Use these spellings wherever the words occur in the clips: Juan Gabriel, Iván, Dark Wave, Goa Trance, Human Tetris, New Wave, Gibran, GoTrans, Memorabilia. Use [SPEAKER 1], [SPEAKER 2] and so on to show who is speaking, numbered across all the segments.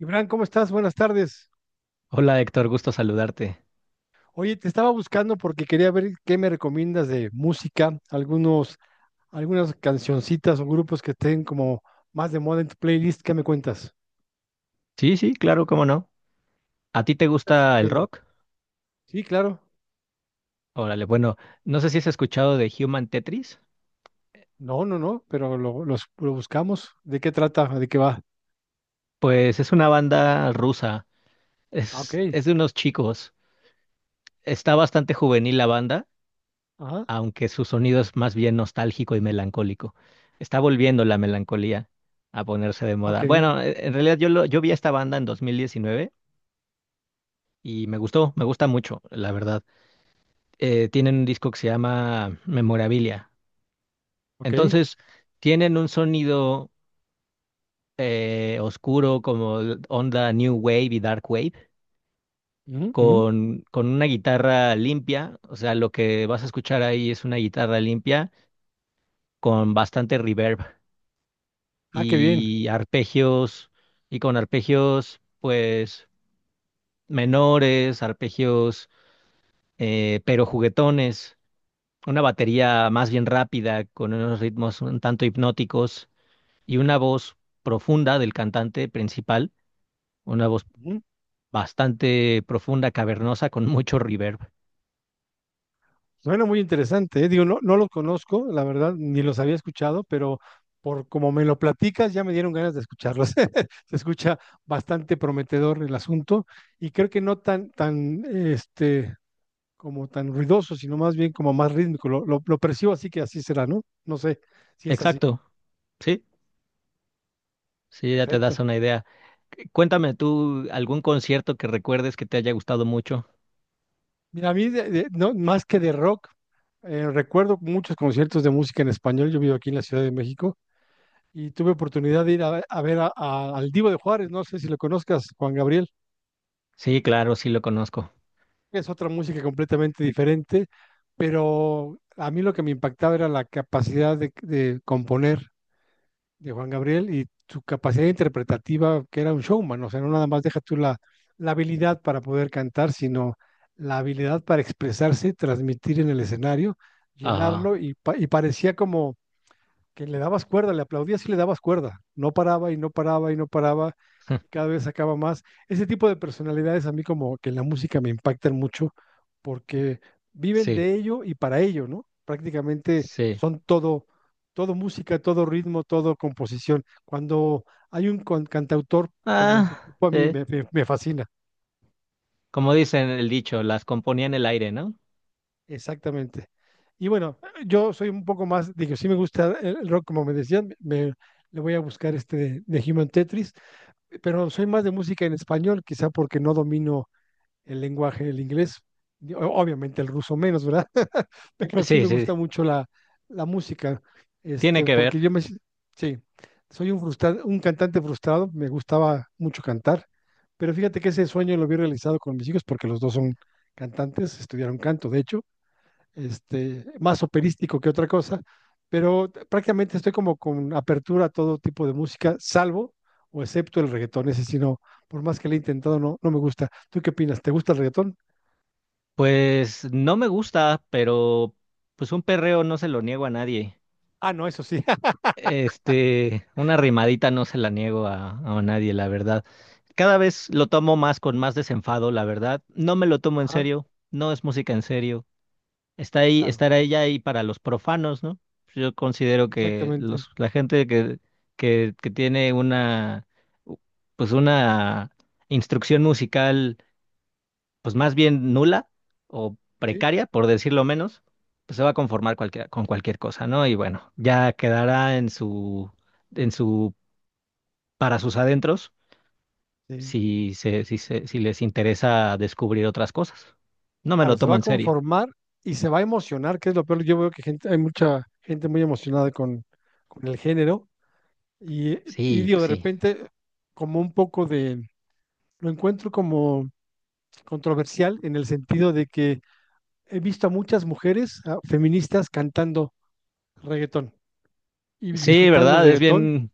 [SPEAKER 1] Iván, ¿cómo estás? Buenas tardes.
[SPEAKER 2] Hola Héctor, gusto saludarte.
[SPEAKER 1] Oye, te estaba buscando porque quería ver qué me recomiendas de música, algunas cancioncitas o grupos que estén como más de moda en tu playlist. ¿Qué me cuentas?
[SPEAKER 2] Sí, sí, claro, cómo no. ¿A ti te
[SPEAKER 1] ¿Estás
[SPEAKER 2] gusta el
[SPEAKER 1] escuchando?
[SPEAKER 2] rock?
[SPEAKER 1] Sí, claro.
[SPEAKER 2] Órale, bueno, no sé si has escuchado de Human Tetris.
[SPEAKER 1] No, no, no, pero lo buscamos. ¿De qué trata? ¿De qué va?
[SPEAKER 2] Pues es una banda rusa,
[SPEAKER 1] Ah, ok.
[SPEAKER 2] es de unos chicos. Está bastante juvenil la banda,
[SPEAKER 1] Ajá.
[SPEAKER 2] aunque su sonido es más bien nostálgico y melancólico. Está volviendo la melancolía a ponerse de
[SPEAKER 1] Ok,
[SPEAKER 2] moda.
[SPEAKER 1] bien.
[SPEAKER 2] Bueno, en realidad yo, yo vi a esta banda en 2019 y me gustó, me gusta mucho, la verdad. Tienen un disco que se llama Memorabilia.
[SPEAKER 1] Ok.
[SPEAKER 2] Entonces, tienen un sonido oscuro como onda New Wave y Dark Wave,
[SPEAKER 1] Ujú, ujú.
[SPEAKER 2] con una guitarra limpia. O sea, lo que vas a escuchar ahí es una guitarra limpia con bastante reverb
[SPEAKER 1] Ah, qué bien.
[SPEAKER 2] y arpegios, y con arpegios, pues, menores, arpegios, pero juguetones. Una batería más bien rápida, con unos ritmos un tanto hipnóticos y una voz profunda del cantante principal. Una voz bastante profunda, cavernosa, con mucho reverb.
[SPEAKER 1] Suena muy interesante, ¿eh? Digo, no, no los conozco, la verdad, ni los había escuchado, pero por como me lo platicas, ya me dieron ganas de escucharlos. Se escucha bastante prometedor el asunto y creo que no tan, como tan ruidoso, sino más bien como más rítmico. Lo percibo así que así será, ¿no? No sé si es así.
[SPEAKER 2] Exacto, sí, sí, ya te das
[SPEAKER 1] Perfecto.
[SPEAKER 2] una idea. Cuéntame tú algún concierto que recuerdes que te haya gustado mucho.
[SPEAKER 1] Mira, a mí, no, más que de rock, recuerdo muchos conciertos de música en español. Yo vivo aquí en la Ciudad de México y tuve oportunidad de ir a ver al Divo de Juárez, no sé si lo conozcas, Juan Gabriel,
[SPEAKER 2] Sí, claro, sí lo conozco.
[SPEAKER 1] es otra música completamente diferente, pero a mí lo que me impactaba era la capacidad de componer de Juan Gabriel y su capacidad interpretativa, que era un showman, o sea, no nada más deja tú la habilidad para poder cantar, sino la habilidad para expresarse, transmitir en el escenario,
[SPEAKER 2] Ajá.
[SPEAKER 1] llenarlo y parecía como que le dabas cuerda, le aplaudías y le dabas cuerda. No paraba y no paraba y no paraba, y cada vez sacaba más. Ese tipo de personalidades a mí como que en la música me impactan mucho porque viven
[SPEAKER 2] Sí,
[SPEAKER 1] de ello y para ello, ¿no? Prácticamente
[SPEAKER 2] sí.
[SPEAKER 1] son todo, todo música, todo ritmo, todo composición. Cuando hay un cantautor como ese
[SPEAKER 2] Ah,
[SPEAKER 1] tipo, a mí
[SPEAKER 2] sí.
[SPEAKER 1] me fascina,
[SPEAKER 2] Como dicen el dicho, las componía en el aire, ¿no?
[SPEAKER 1] exactamente. Y bueno, yo soy un poco más, digo, sí me gusta el rock, como me decían, le voy a buscar este de Human Tetris, pero soy más de música en español, quizá porque no domino el lenguaje del inglés, y obviamente el ruso menos, ¿verdad? Pero sí me
[SPEAKER 2] Sí, sí,
[SPEAKER 1] gusta mucho la, la música,
[SPEAKER 2] tiene
[SPEAKER 1] este,
[SPEAKER 2] que ver.
[SPEAKER 1] porque yo me, si- sí, soy un un cantante frustrado, me gustaba mucho cantar, pero fíjate que ese sueño lo vi realizado con mis hijos porque los dos son cantantes, estudiaron canto, de hecho, este, más operístico que otra cosa, pero prácticamente estoy como con apertura a todo tipo de música, salvo o excepto el reggaetón. Ese sí no, por más que le he intentado, no, no me gusta. ¿Tú qué opinas? ¿Te gusta el reggaetón?
[SPEAKER 2] Pues no me gusta, pero pues un perreo no se lo niego a nadie.
[SPEAKER 1] Ah, no, eso sí.
[SPEAKER 2] Este, una rimadita no se la niego a nadie, la verdad. Cada vez lo tomo más con más desenfado, la verdad. No me lo tomo en
[SPEAKER 1] Ah,
[SPEAKER 2] serio, no es música en serio. Está ahí,
[SPEAKER 1] claro,
[SPEAKER 2] estará ella ahí para los profanos, ¿no? Yo considero que
[SPEAKER 1] exactamente.
[SPEAKER 2] la gente que, que tiene pues una instrucción musical pues más bien nula o
[SPEAKER 1] Sí,
[SPEAKER 2] precaria, por decirlo menos, pues se va a conformar con cualquier cosa, ¿no? Y bueno, ya quedará en su, en su, para sus adentros,
[SPEAKER 1] sí.
[SPEAKER 2] si les interesa descubrir otras cosas. No me
[SPEAKER 1] Claro,
[SPEAKER 2] lo
[SPEAKER 1] se va
[SPEAKER 2] tomo
[SPEAKER 1] a
[SPEAKER 2] en serio.
[SPEAKER 1] conformar y se va a emocionar, que es lo peor. Yo veo que gente, hay mucha gente muy emocionada con el género y, y
[SPEAKER 2] Sí,
[SPEAKER 1] digo,
[SPEAKER 2] pues
[SPEAKER 1] de
[SPEAKER 2] sí.
[SPEAKER 1] repente, como un poco lo encuentro como controversial en el sentido de que he visto a muchas mujeres a feministas cantando reggaetón y
[SPEAKER 2] Sí,
[SPEAKER 1] disfrutando el
[SPEAKER 2] ¿verdad? Es
[SPEAKER 1] reggaetón
[SPEAKER 2] bien,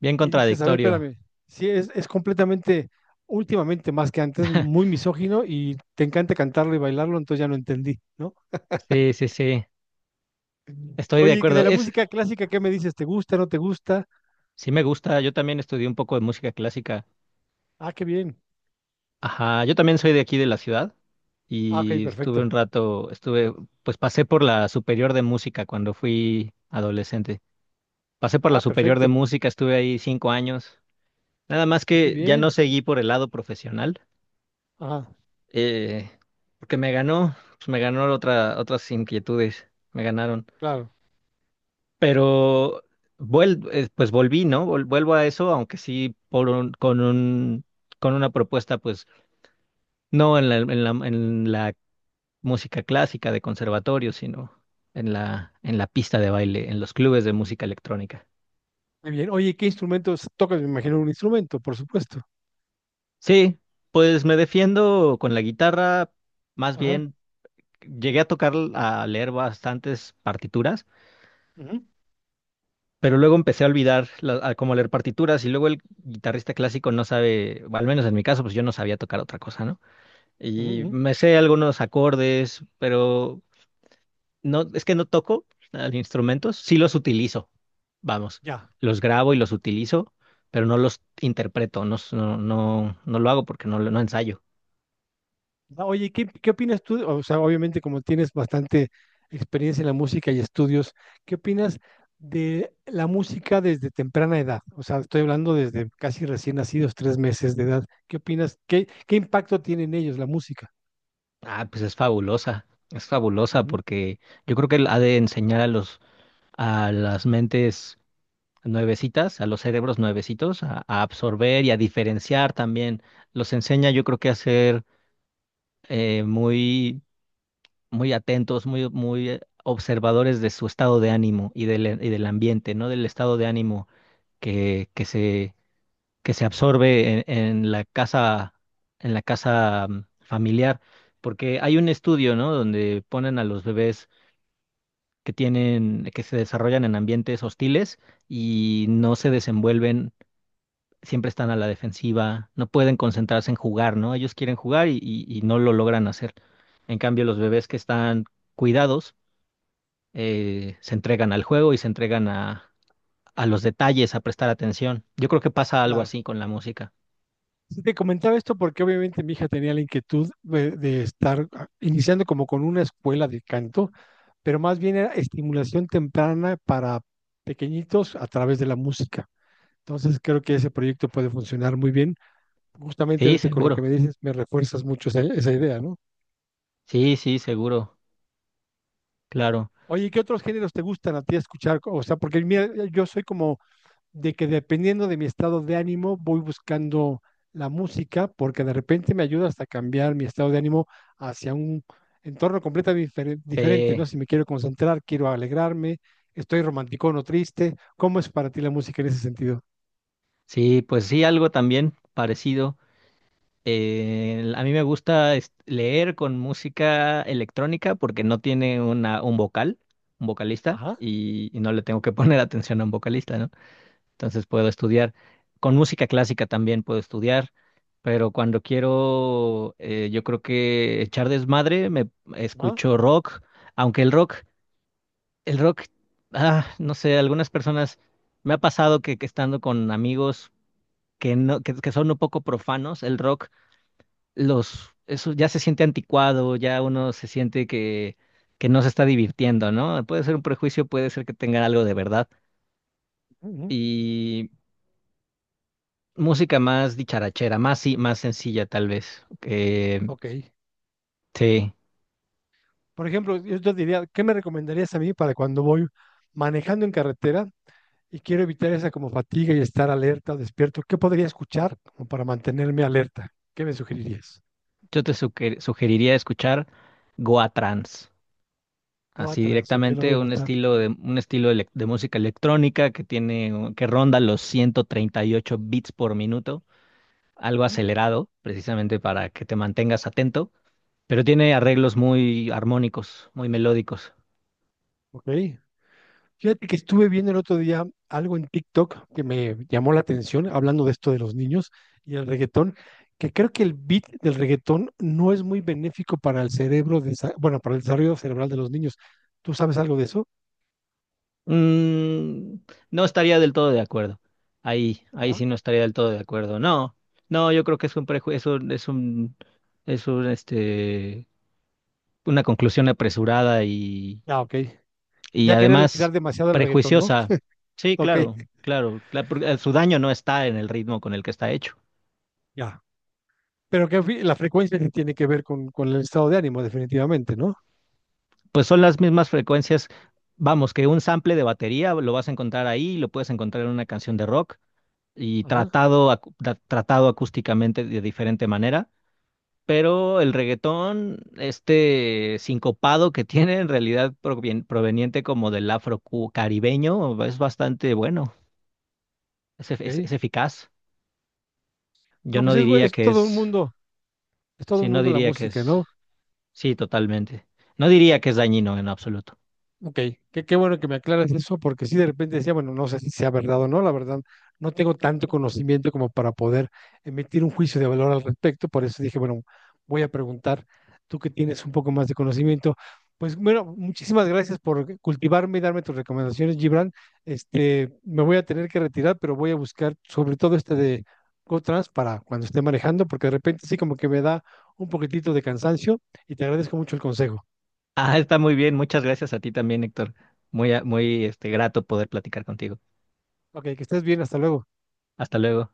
[SPEAKER 2] bien
[SPEAKER 1] y dices, a ver,
[SPEAKER 2] contradictorio.
[SPEAKER 1] espérame, sí, es completamente, últimamente más que antes, muy misógino y te encanta cantarlo y bailarlo, entonces ya no entendí, ¿no?
[SPEAKER 2] Sí, sí, sí. Estoy de
[SPEAKER 1] Oye, que de
[SPEAKER 2] acuerdo.
[SPEAKER 1] la
[SPEAKER 2] Es,
[SPEAKER 1] música clásica, ¿qué me dices? ¿Te gusta, no te gusta?
[SPEAKER 2] sí me gusta. Yo también estudié un poco de música clásica.
[SPEAKER 1] Ah, qué bien.
[SPEAKER 2] Ajá, yo también soy de aquí de la ciudad
[SPEAKER 1] Ah, ok,
[SPEAKER 2] y
[SPEAKER 1] perfecto.
[SPEAKER 2] estuve un rato, pues pasé por la superior de música cuando fui adolescente. Pasé por la
[SPEAKER 1] Ah,
[SPEAKER 2] superior de
[SPEAKER 1] perfecto.
[SPEAKER 2] música, estuve ahí 5 años. Nada más
[SPEAKER 1] Muy
[SPEAKER 2] que ya no
[SPEAKER 1] bien.
[SPEAKER 2] seguí por el lado profesional,
[SPEAKER 1] Ajá,
[SPEAKER 2] eh, porque me ganó, pues me ganó otras inquietudes, me ganaron.
[SPEAKER 1] claro.
[SPEAKER 2] Pero pues volví, ¿no? Vuelvo a eso, aunque sí por con un, con una propuesta, pues no en la, música clásica de conservatorio, sino en la pista de baile, en los clubes de música electrónica.
[SPEAKER 1] Muy bien. Oye, ¿qué instrumentos tocas? Me imagino un instrumento, por supuesto.
[SPEAKER 2] Sí, pues me defiendo con la guitarra, más
[SPEAKER 1] Ajá.
[SPEAKER 2] bien llegué a tocar, a leer bastantes partituras,
[SPEAKER 1] Ujú,
[SPEAKER 2] pero luego empecé a olvidar a cómo leer partituras y luego el guitarrista clásico no sabe, o al menos en mi caso, pues yo no sabía tocar otra cosa, ¿no?
[SPEAKER 1] ujú,
[SPEAKER 2] Y
[SPEAKER 1] ujú.
[SPEAKER 2] me sé algunos acordes, pero no, es que no toco nada instrumentos, sí los utilizo, vamos,
[SPEAKER 1] Ya.
[SPEAKER 2] los grabo y los utilizo, pero no los interpreto, no lo hago porque no ensayo.
[SPEAKER 1] Ah, oye, ¿qué opinas tú? O sea, obviamente como tienes bastante experiencia en la música y estudios, ¿qué opinas de la música desde temprana edad? O sea, estoy hablando desde casi recién nacidos, 3 meses de edad. ¿Qué opinas? ¿Qué impacto tiene en ellos la música?
[SPEAKER 2] Ah, pues es fabulosa
[SPEAKER 1] Ujú,
[SPEAKER 2] porque yo creo que él ha de enseñar a a las mentes nuevecitas, a los cerebros nuevecitos, a absorber y a diferenciar también. Los enseña, yo creo que a ser muy muy atentos, muy, muy observadores de su estado de ánimo y del ambiente, ¿no? Del estado de ánimo que, que se, que se absorbe en la casa, familiar. Porque hay un estudio, ¿no? Donde ponen a los bebés que se desarrollan en ambientes hostiles y no se desenvuelven, siempre están a la defensiva, no pueden concentrarse en jugar, ¿no? Ellos quieren jugar y no lo logran hacer. En cambio, los bebés que están cuidados, se entregan al juego y se entregan a los detalles, a prestar atención. Yo creo que pasa algo
[SPEAKER 1] claro.
[SPEAKER 2] así con la música.
[SPEAKER 1] Sí, te comentaba esto porque obviamente mi hija tenía la inquietud de estar iniciando como con una escuela de canto, pero más bien era estimulación temprana para pequeñitos a través de la música. Entonces creo que ese proyecto puede funcionar muy bien. Justamente
[SPEAKER 2] Sí,
[SPEAKER 1] ahorita con lo que
[SPEAKER 2] seguro.
[SPEAKER 1] me dices, me refuerzas mucho esa idea, ¿no?
[SPEAKER 2] Sí, sí, seguro. Claro.
[SPEAKER 1] Oye, ¿y qué otros géneros te gustan a ti escuchar? O sea, porque mira, yo soy como de que dependiendo de mi estado de ánimo, voy buscando la música, porque de repente me ayuda hasta cambiar mi estado de ánimo hacia un entorno completamente diferente, ¿no?
[SPEAKER 2] Sí,
[SPEAKER 1] Si me quiero concentrar, quiero alegrarme, estoy romántico o triste. ¿Cómo es para ti la música en ese sentido?
[SPEAKER 2] sí, pues sí, algo también parecido. A mí me gusta leer con música electrónica porque no tiene un vocalista,
[SPEAKER 1] Ajá,
[SPEAKER 2] y no le tengo que poner atención a un vocalista, ¿no? Entonces puedo estudiar. Con música clásica también puedo estudiar, pero cuando quiero, yo creo que echar desmadre, me
[SPEAKER 1] ajá,
[SPEAKER 2] escucho rock, aunque el rock, el rock, ah, no sé, algunas personas me ha pasado que estando con amigos que no, que son un poco profanos, el rock, eso ya se siente anticuado, ya uno se siente que no se está divirtiendo, ¿no? Puede ser un prejuicio, puede ser que tenga algo de verdad.
[SPEAKER 1] ujú,
[SPEAKER 2] Y música más dicharachera, más, sí, más sencilla tal vez. Eh,
[SPEAKER 1] ok.
[SPEAKER 2] sí,
[SPEAKER 1] Por ejemplo, yo te diría, ¿qué me recomendarías a mí para cuando voy manejando en carretera y quiero evitar esa como fatiga y estar alerta o despierto? ¿Qué podría escuchar como para mantenerme alerta? ¿Qué me sugerirías?
[SPEAKER 2] yo te sugeriría escuchar Goa Trance, así
[SPEAKER 1] Cuatrans, ok, lo voy a
[SPEAKER 2] directamente un
[SPEAKER 1] anotar.
[SPEAKER 2] estilo de un estilo de música electrónica que tiene que ronda los 138 beats por minuto, algo
[SPEAKER 1] Ujú.
[SPEAKER 2] acelerado, precisamente para que te mantengas atento, pero tiene arreglos muy armónicos, muy melódicos.
[SPEAKER 1] Ok. Fíjate que estuve viendo el otro día algo en TikTok que me llamó la atención, hablando de esto de los niños y el reggaetón, que creo que el beat del reggaetón no es muy benéfico para el cerebro, de bueno, para el desarrollo cerebral de los niños. ¿Tú sabes algo de eso?
[SPEAKER 2] Mm, no estaría del todo de acuerdo. Ahí
[SPEAKER 1] Ajá.
[SPEAKER 2] sí no estaría del todo de acuerdo. No, no, yo creo que es un prejuicio, es un, este, una conclusión apresurada y,
[SPEAKER 1] Ah, ok.
[SPEAKER 2] y
[SPEAKER 1] Ya quererle tirar
[SPEAKER 2] además
[SPEAKER 1] demasiado al reggaetón, ¿no?
[SPEAKER 2] prejuiciosa. Sí,
[SPEAKER 1] Ok,
[SPEAKER 2] claro, claro, porque, su daño no está en el ritmo con el que está hecho.
[SPEAKER 1] ya. Pero que la frecuencia que tiene que ver con el estado de ánimo, definitivamente, ¿no?
[SPEAKER 2] Pues son las mismas frecuencias. Vamos, que un sample de batería lo vas a encontrar ahí, lo puedes encontrar en una canción de rock y
[SPEAKER 1] Ajá,
[SPEAKER 2] tratado acústicamente de diferente manera, pero el reggaetón, este sincopado que tiene en realidad proveniente como del caribeño, es bastante bueno, es
[SPEAKER 1] ok.
[SPEAKER 2] eficaz. Yo
[SPEAKER 1] No,
[SPEAKER 2] no
[SPEAKER 1] pues es,
[SPEAKER 2] diría
[SPEAKER 1] es
[SPEAKER 2] que
[SPEAKER 1] todo un
[SPEAKER 2] es,
[SPEAKER 1] mundo, es todo
[SPEAKER 2] sí,
[SPEAKER 1] un
[SPEAKER 2] no
[SPEAKER 1] mundo la
[SPEAKER 2] diría que
[SPEAKER 1] música,
[SPEAKER 2] es,
[SPEAKER 1] ¿no?
[SPEAKER 2] sí, totalmente. No diría que es dañino en absoluto.
[SPEAKER 1] Ok, qué bueno que me aclaras eso, porque sí de repente decía, bueno, no sé si sea verdad o no, la verdad, no tengo tanto conocimiento como para poder emitir un juicio de valor al respecto, por eso dije, bueno, voy a preguntar, tú que tienes un poco más de conocimiento. Pues bueno, muchísimas gracias por cultivarme y darme tus recomendaciones, Gibran. Este, me voy a tener que retirar, pero voy a buscar sobre todo este de GoTrans para cuando esté manejando, porque de repente sí como que me da un poquitito de cansancio y te agradezco mucho el consejo.
[SPEAKER 2] Ah, está muy bien, muchas gracias a ti también, Héctor. Muy, muy este, grato poder platicar contigo.
[SPEAKER 1] Ok, que estés bien, hasta luego.
[SPEAKER 2] Hasta luego.